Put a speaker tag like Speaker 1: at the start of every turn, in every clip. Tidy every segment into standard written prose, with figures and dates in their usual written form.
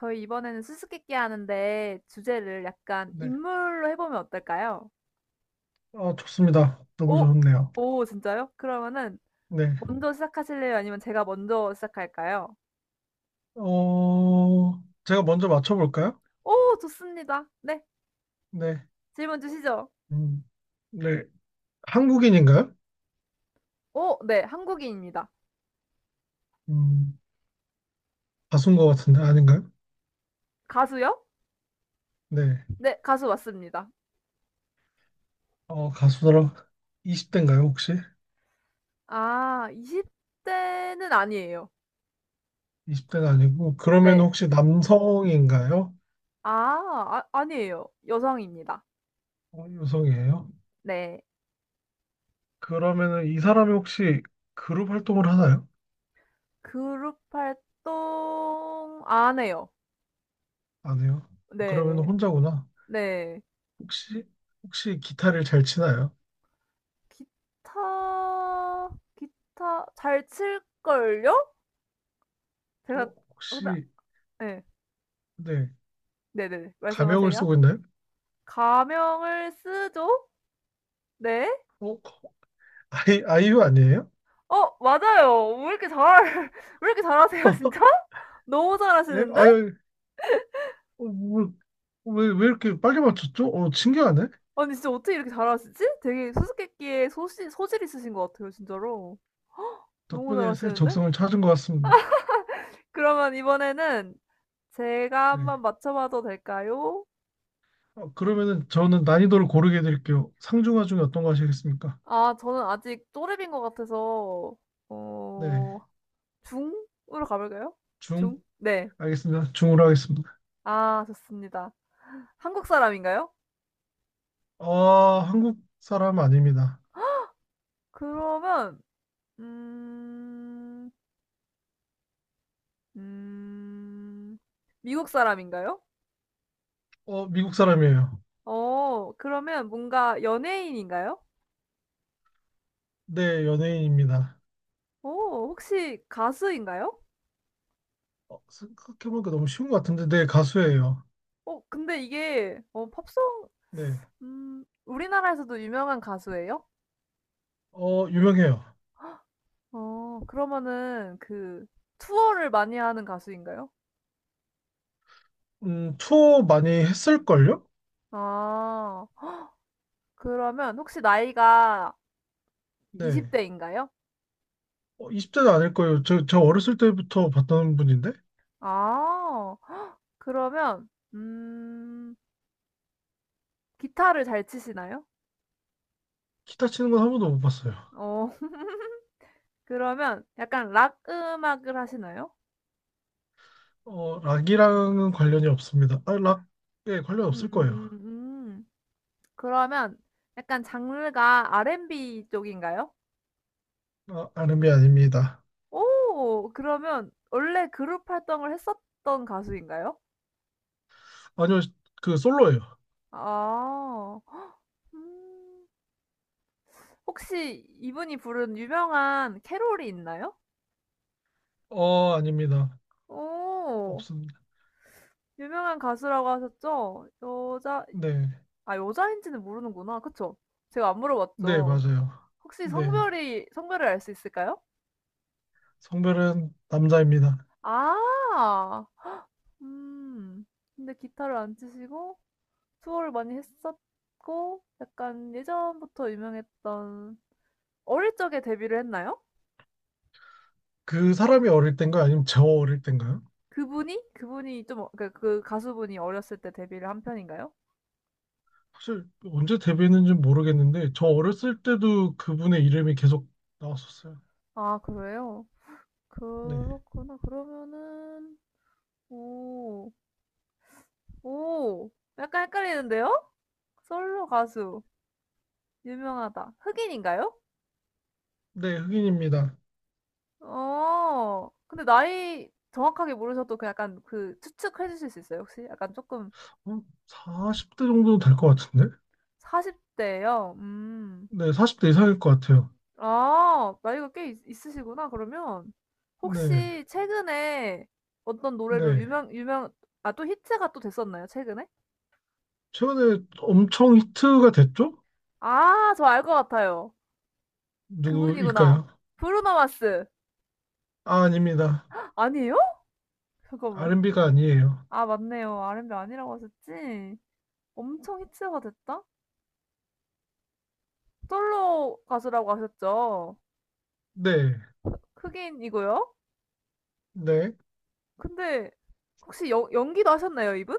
Speaker 1: 저희 이번에는 수수께끼 하는데 주제를 약간
Speaker 2: 네.
Speaker 1: 인물로 해보면 어떨까요?
Speaker 2: 아 좋습니다. 너무
Speaker 1: 오,
Speaker 2: 좋네요.
Speaker 1: 오, 진짜요? 그러면은
Speaker 2: 네.
Speaker 1: 먼저 시작하실래요? 아니면 제가 먼저 시작할까요?
Speaker 2: 어, 제가 먼저 맞춰볼까요?
Speaker 1: 오, 좋습니다. 네,
Speaker 2: 네.
Speaker 1: 질문 주시죠.
Speaker 2: 음, 네. 한국인인가요?
Speaker 1: 오, 네, 한국인입니다.
Speaker 2: 음, 가수인 것 같은데 아닌가요?
Speaker 1: 가수요?
Speaker 2: 네.
Speaker 1: 네, 가수 맞습니다.
Speaker 2: 가수더라. 20대인가요, 혹시?
Speaker 1: 아, 20대는 아니에요.
Speaker 2: 20대는 아니고, 그러면
Speaker 1: 네. 네.
Speaker 2: 혹시 남성인가요?
Speaker 1: 아, 아니에요. 여성입니다.
Speaker 2: 여성이에요?
Speaker 1: 네.
Speaker 2: 그러면은 이 사람이 혹시 그룹 활동을 하나요?
Speaker 1: 그룹 활동 안 해요.
Speaker 2: 안 해요. 그러면
Speaker 1: 네.
Speaker 2: 혼자구나.
Speaker 1: 네.
Speaker 2: 혹시, 혹시 기타를 잘 치나요?
Speaker 1: 기타 기타 잘 칠걸요? 제가
Speaker 2: 어,
Speaker 1: 근데
Speaker 2: 혹시,
Speaker 1: 예.
Speaker 2: 네.
Speaker 1: 네네네.
Speaker 2: 가명을
Speaker 1: 말씀하세요.
Speaker 2: 쓰고 있나요?
Speaker 1: 가명을 쓰죠? 네.
Speaker 2: 어? 아이유 아니에요?
Speaker 1: 맞아요. 왜 이렇게 잘 왜 이렇게 잘하세요 진짜? 너무
Speaker 2: 예?
Speaker 1: 잘하시는데?
Speaker 2: 아유, 뭐, 왜 이렇게 빨리 맞췄죠? 신기하네.
Speaker 1: 아니 진짜 어떻게 이렇게 잘하시지? 되게 수수께끼에 소질 있으신 것 같아요 진짜로. 너무
Speaker 2: 덕분에 새
Speaker 1: 잘하시는데?
Speaker 2: 적성을 찾은 것 같습니다.
Speaker 1: 그러면 이번에는 제가
Speaker 2: 네.
Speaker 1: 한번 맞춰봐도 될까요?
Speaker 2: 그러면은 저는 난이도를 고르게 해드릴게요. 상중하 중에 어떤 거 하시겠습니까?
Speaker 1: 아, 저는 아직 또래인 것 같아서, 어,
Speaker 2: 네.
Speaker 1: 중으로 가볼까요?
Speaker 2: 중?
Speaker 1: 중? 네.
Speaker 2: 알겠습니다. 중으로 하겠습니다.
Speaker 1: 아, 좋습니다. 한국 사람인가요?
Speaker 2: 한국 사람 아닙니다.
Speaker 1: 그러면, 음, 음, 미국 사람인가요?
Speaker 2: 미국 사람이에요.
Speaker 1: 그러면 뭔가 연예인인가요?
Speaker 2: 네, 연예인입니다.
Speaker 1: 혹시 가수인가요?
Speaker 2: 생각해보니까 너무 쉬운 것 같은데, 네, 가수예요.
Speaker 1: 어, 근데 이게, 팝송,
Speaker 2: 네.
Speaker 1: 우리나라에서도 유명한 가수예요?
Speaker 2: 유명해요.
Speaker 1: 그러면은 그 투어를 많이 하는 가수인가요?
Speaker 2: 투어 많이 했을걸요?
Speaker 1: 아 그러면 혹시 나이가 20
Speaker 2: 네.
Speaker 1: 대인가요?
Speaker 2: 20대도 아닐 거예요. 저 어렸을 때부터 봤던 분인데
Speaker 1: 아 헉, 그러면 기타를 잘 치시나요?
Speaker 2: 기타 치는 건 한 번도 못 봤어요.
Speaker 1: 어 그러면 약간 락 음악을 하시나요?
Speaker 2: 락이랑은 관련이 없습니다. 아, 락에 관련 없을 거예요.
Speaker 1: 음. 그러면 약간 장르가 R&B 쪽인가요?
Speaker 2: 아, 아름이 아닙니다.
Speaker 1: 오 그러면 원래 그룹 활동을 했었던 가수인가요?
Speaker 2: 아니요, 그 솔로예요.
Speaker 1: 아. 헉, 음. 혹시 이분이 부른 유명한 캐롤이 있나요?
Speaker 2: 아닙니다.
Speaker 1: 오!
Speaker 2: 없습니다.
Speaker 1: 유명한 가수라고 하셨죠? 여자
Speaker 2: 네,
Speaker 1: 아 여자인지는 모르는구나. 그쵸? 제가 안
Speaker 2: 네,
Speaker 1: 물어봤죠.
Speaker 2: 맞아요.
Speaker 1: 혹시
Speaker 2: 네,
Speaker 1: 성별이 성별을 알 수 있을까요?
Speaker 2: 성별은 남자입니다.
Speaker 1: 아. 음. 근데 기타를 안 치시고 투어를 많이 했었고 약간 예전부터 유명했던 어릴 적에 데뷔를 했나요?
Speaker 2: 그 사람이 어릴 땐가요? 아니면 저 어릴 땐가요?
Speaker 1: 그분이? 그 가수분이 어렸을 때 데뷔를 한 편인가요?
Speaker 2: 사실 언제 데뷔했는지 모르겠는데 저 어렸을 때도 그분의 이름이 계속 나왔었어요.
Speaker 1: 아, 그래요?
Speaker 2: 네,
Speaker 1: 그렇구나. 그러면은, 오, 오, 약간 헷갈리는데요? 솔로 가수, 유명하다. 흑인인가요?
Speaker 2: 네, 흑인입니다.
Speaker 1: 근데 나이 정확하게 모르셔도 그 약간 그 추측해 주실 수 있어요, 혹시? 약간 조금
Speaker 2: 어, 40대 정도 될 것 같은데?
Speaker 1: 40대예요.
Speaker 2: 네, 40대 이상일 것 같아요.
Speaker 1: 아, 나이가 꽤 있으시구나. 그러면
Speaker 2: 네,
Speaker 1: 혹시 최근에 어떤 노래로
Speaker 2: 네.
Speaker 1: 유명 아, 또 히트가 또 됐었나요? 최근에?
Speaker 2: 최근에 엄청 히트가 됐죠?
Speaker 1: 아, 저 알 것 같아요. 그분이구나.
Speaker 2: 누구일까요?
Speaker 1: 브루노 마스.
Speaker 2: 아, 아닙니다.
Speaker 1: 아니에요? 잠깐만.
Speaker 2: R&B가 아니에요.
Speaker 1: 아, 맞네요. R&B 아니라고 하셨지? 엄청 히트가 됐다? 솔로 가수라고 하셨죠?
Speaker 2: 네,
Speaker 1: 흑인이고요.
Speaker 2: 네.
Speaker 1: 근데 혹시 연기도 하셨나요, 이분?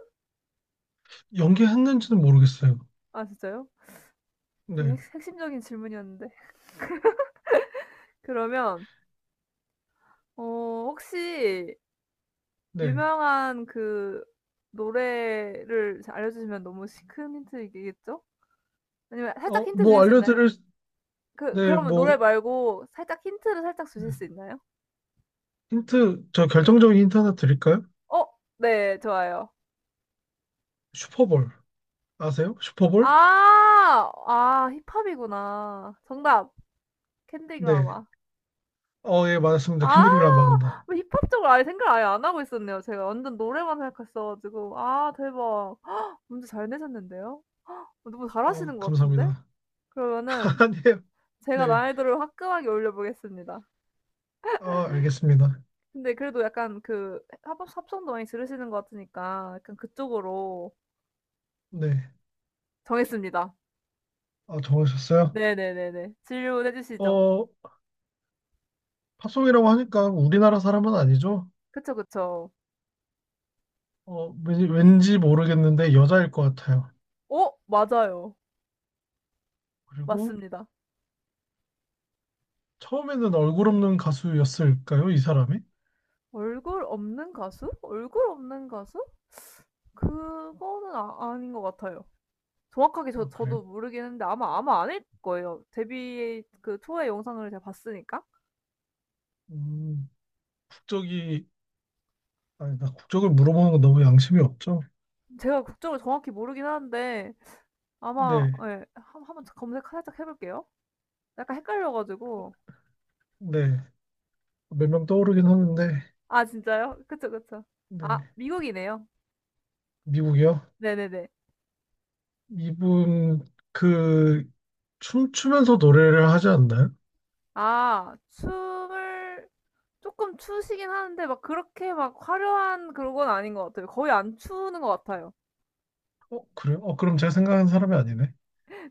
Speaker 2: 연기했는지는 모르겠어요.
Speaker 1: 아, 진짜요? 되게
Speaker 2: 네,
Speaker 1: 핵심적인 질문이었는데. 그러면 어, 혹시
Speaker 2: 네.
Speaker 1: 유명한 그 노래를 알려주시면 너무 시 큰 힌트이겠죠? 아니면 살짝 힌트
Speaker 2: 뭐
Speaker 1: 주실 수 있나요?
Speaker 2: 알려드릴, 네,
Speaker 1: 그러면 노래
Speaker 2: 뭐,
Speaker 1: 말고 살짝 힌트를 살짝 주실 수 있나요?
Speaker 2: 힌트, 저
Speaker 1: 예.
Speaker 2: 결정적인 힌트 하나 드릴까요?
Speaker 1: 어 네 좋아요.
Speaker 2: 슈퍼볼. 아세요? 슈퍼볼?
Speaker 1: 아. 아 힙합이구나. 정답. 캔디그라
Speaker 2: 네.
Speaker 1: 마
Speaker 2: 예, 맞았습니다.
Speaker 1: 아
Speaker 2: 캔디리 라마입니다.
Speaker 1: 뭐 힙합 쪽을 아예 생각을 아예 안 하고 있었네요. 제가 완전 노래만 생각했어 가지고. 아 대박. 헉, 문제 잘 내셨는데요. 너무 잘하시는 것 같은데?
Speaker 2: 감사합니다.
Speaker 1: 그러면은
Speaker 2: 아니에요.
Speaker 1: 제가
Speaker 2: 네.
Speaker 1: 난이도를 화끈하게 올려보겠습니다.
Speaker 2: 알겠습니다.
Speaker 1: 근데 그래도 약간 그합성도 많이 들으시는 것 같으니까 약간 그쪽으로
Speaker 2: 네.
Speaker 1: 정했습니다.
Speaker 2: 아, 정하셨어요?
Speaker 1: 네네네네. 질문해 주시죠.
Speaker 2: 어, 팝송이라고 하니까 우리나라 사람은 아니죠?
Speaker 1: 그쵸, 그쵸.
Speaker 2: 왠지 모르겠는데 여자일 것 같아요.
Speaker 1: 어? 맞아요.
Speaker 2: 그리고
Speaker 1: 맞습니다.
Speaker 2: 처음에는 얼굴 없는 가수였을까요? 이 사람이?
Speaker 1: 얼굴 없는 가수? 얼굴 없는 가수? 그거는 아닌 것 같아요. 정확하게
Speaker 2: 아, 그래요?
Speaker 1: 저도 모르긴 했는데 아마 아닐 거예요. 데뷔 그 투어의 영상을 제가 봤으니까.
Speaker 2: 음, 국적이, 아니, 나 국적을 물어보는 건 너무 양심이 없죠?
Speaker 1: 제가 국적을 정확히 모르긴 하는데 아마
Speaker 2: 네,
Speaker 1: 예. 한 한번 검색 살짝 해 볼게요. 약간 헷갈려 가지고.
Speaker 2: 네. 몇 명 떠오르긴 하는데,
Speaker 1: 아 진짜요? 그쵸, 그쵸. 아
Speaker 2: 네.
Speaker 1: 미국이네요.
Speaker 2: 미국이요?
Speaker 1: 네네네.
Speaker 2: 이분, 그, 춤추면서 노래를 하지 않나요?
Speaker 1: 아 춤을 쪼끔 추시긴 하는데 막 그렇게 막 화려한 그런 건 아닌 것 같아요. 거의 안 추는 것 같아요.
Speaker 2: 그래요? 그럼 제가 생각하는 사람이 아니네.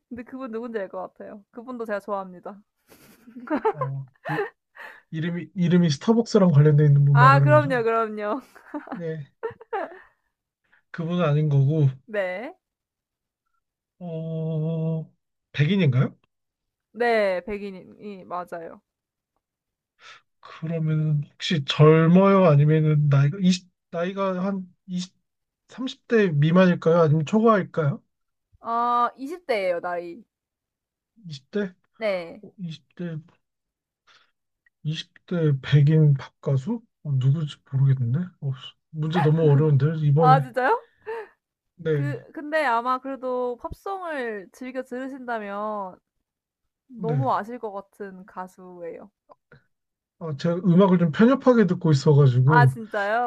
Speaker 1: 근데 그분 누군지 알 것 같아요. 그분도 제가 좋아합니다.
Speaker 2: 그 이름이 스타벅스랑 관련돼 있는 분
Speaker 1: 아
Speaker 2: 말하는
Speaker 1: 그럼요,
Speaker 2: 거죠?
Speaker 1: 그럼요.
Speaker 2: 네. 그분은 아닌 거고,
Speaker 1: 네.
Speaker 2: 어, 백인인가요?
Speaker 1: 네 백인이 맞아요.
Speaker 2: 그러면 혹시 젊어요? 아니면은 나이가, 이십 나이가 한 이십 30대 미만일까요? 아니면 초과일까요?
Speaker 1: 아 20 대예요 나이.
Speaker 2: 20대?
Speaker 1: 네.
Speaker 2: 20대, 20대 백인 팝 가수? 누구지 모르겠는데? 문제 너무 어려운데,
Speaker 1: 아
Speaker 2: 이번에.
Speaker 1: 진짜요?
Speaker 2: 네,
Speaker 1: 근데 아마 그래도 팝송을 즐겨 들으신다면
Speaker 2: 네.
Speaker 1: 너무 아실 것 같은 가수예요.
Speaker 2: 아, 제가 음악을 좀 편협하게 듣고
Speaker 1: 아
Speaker 2: 있어가지고,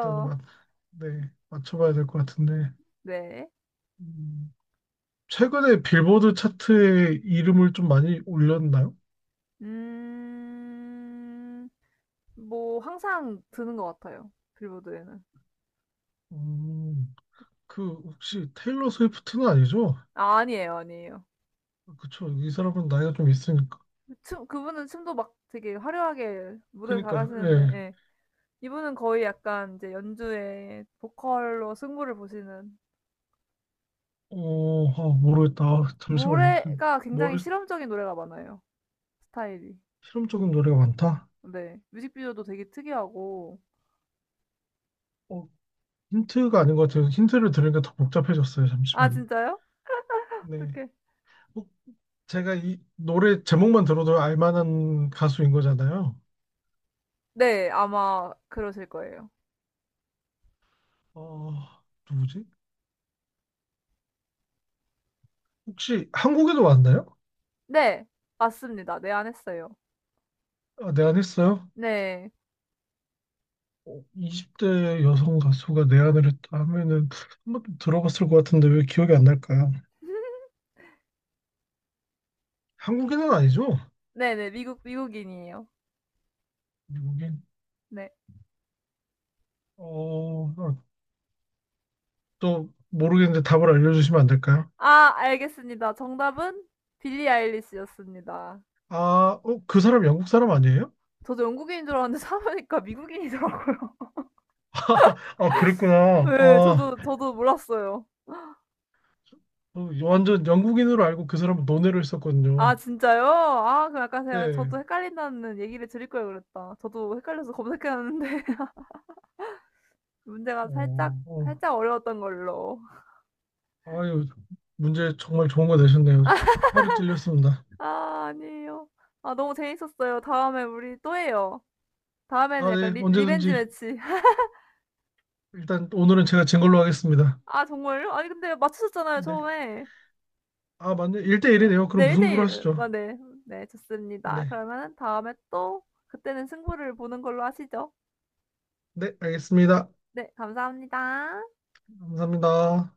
Speaker 2: 일단은 맞 네, 맞춰봐야 될 것 같은데.
Speaker 1: 네.
Speaker 2: 음, 최근에 빌보드 차트에 이름을 좀 많이 올렸나요?
Speaker 1: 음. 뭐 항상 드는 것 같아요. 빌보드에는.
Speaker 2: 음, 그 혹시 테일러 스위프트는 아니죠?
Speaker 1: 아 아니에요, 아니에요.
Speaker 2: 그쵸. 이 사람은 나이가 좀 있으니까.
Speaker 1: 춤 그분은 춤도 막 되게 화려하게 무대
Speaker 2: 그니까요.
Speaker 1: 잘하시는데
Speaker 2: 예.
Speaker 1: 예. 이분은 거의 약간 이제 연주에 보컬로 승부를 보시는
Speaker 2: 아, 모르겠다. 아, 잠시만요. 지금
Speaker 1: 노래가 굉장히
Speaker 2: 머리
Speaker 1: 실험적인 노래가 많아요, 스타일이.
Speaker 2: 실험적인 노래가 많다.
Speaker 1: 네. 뮤직비디오도 되게 특이하고.
Speaker 2: 어, 힌트가 아닌 것 같아요. 힌트를 들으니까 더 복잡해졌어요.
Speaker 1: 아,
Speaker 2: 잠시만요.
Speaker 1: 진짜요?
Speaker 2: 네.
Speaker 1: 어떡해.
Speaker 2: 어, 제가 이 노래 제목만 들어도 알만한 가수인 거잖아요.
Speaker 1: 네, 아마 그러실 거예요.
Speaker 2: 어, 누구지? 혹시 한국에도 왔나요?
Speaker 1: 네, 맞습니다. 네, 안 했어요.
Speaker 2: 아, 내한했어요?
Speaker 1: 네.
Speaker 2: 20대 여성 가수가 내한을 했다 하면은 한번 들어봤을 것 같은데 왜 기억이 안 날까요? 한국인은 아니죠?
Speaker 1: 네네, 미국인이에요.
Speaker 2: 미국인?
Speaker 1: 네.
Speaker 2: 아, 또 모르겠는데 답을 알려주시면 안 될까요?
Speaker 1: 아, 알겠습니다. 정답은 빌리 아일리시였습니다.
Speaker 2: 아, 그 사람 영국 사람 아니에요?
Speaker 1: 저도 영국인인 줄 알았는데 사보니까 미국인이더라고요.
Speaker 2: 아, 그랬구나.
Speaker 1: 네,
Speaker 2: 아,
Speaker 1: 저도 몰랐어요.
Speaker 2: 완전 영국인으로 알고 그 사람은 논외로 했었거든요.
Speaker 1: 아, 진짜요? 아, 그럼 약간 제가,
Speaker 2: 네.
Speaker 1: 저도 헷갈린다는 얘기를 드릴 걸 그랬다. 저도 헷갈려서 검색해놨는데, 문제가
Speaker 2: 어, 어,
Speaker 1: 살짝 어려웠던 걸로.
Speaker 2: 아유, 문제 정말 좋은 거 내셨네요. 허를 찔렸습니다.
Speaker 1: 아 아니에요. 아 너무 재밌었어요. 다음에 우리 또 해요. 다음에는
Speaker 2: 아,
Speaker 1: 약간
Speaker 2: 네,
Speaker 1: 리 리벤지
Speaker 2: 언제든지
Speaker 1: 매치.
Speaker 2: 일단 오늘은 제가 진 걸로 하겠습니다.
Speaker 1: 아 정말요? 아니 근데 맞추셨잖아요,
Speaker 2: 네.
Speaker 1: 처음에.
Speaker 2: 아, 맞네.
Speaker 1: 응.
Speaker 2: 1대1이네요. 그럼
Speaker 1: 네 1대
Speaker 2: 무승부로
Speaker 1: 1.
Speaker 2: 하시죠.
Speaker 1: 아 네. 네 좋습니다.
Speaker 2: 네.
Speaker 1: 그러면 다음에 또 그때는 승부를 보는 걸로 하시죠.
Speaker 2: 네, 알겠습니다.
Speaker 1: 네 감사합니다.
Speaker 2: 감사합니다.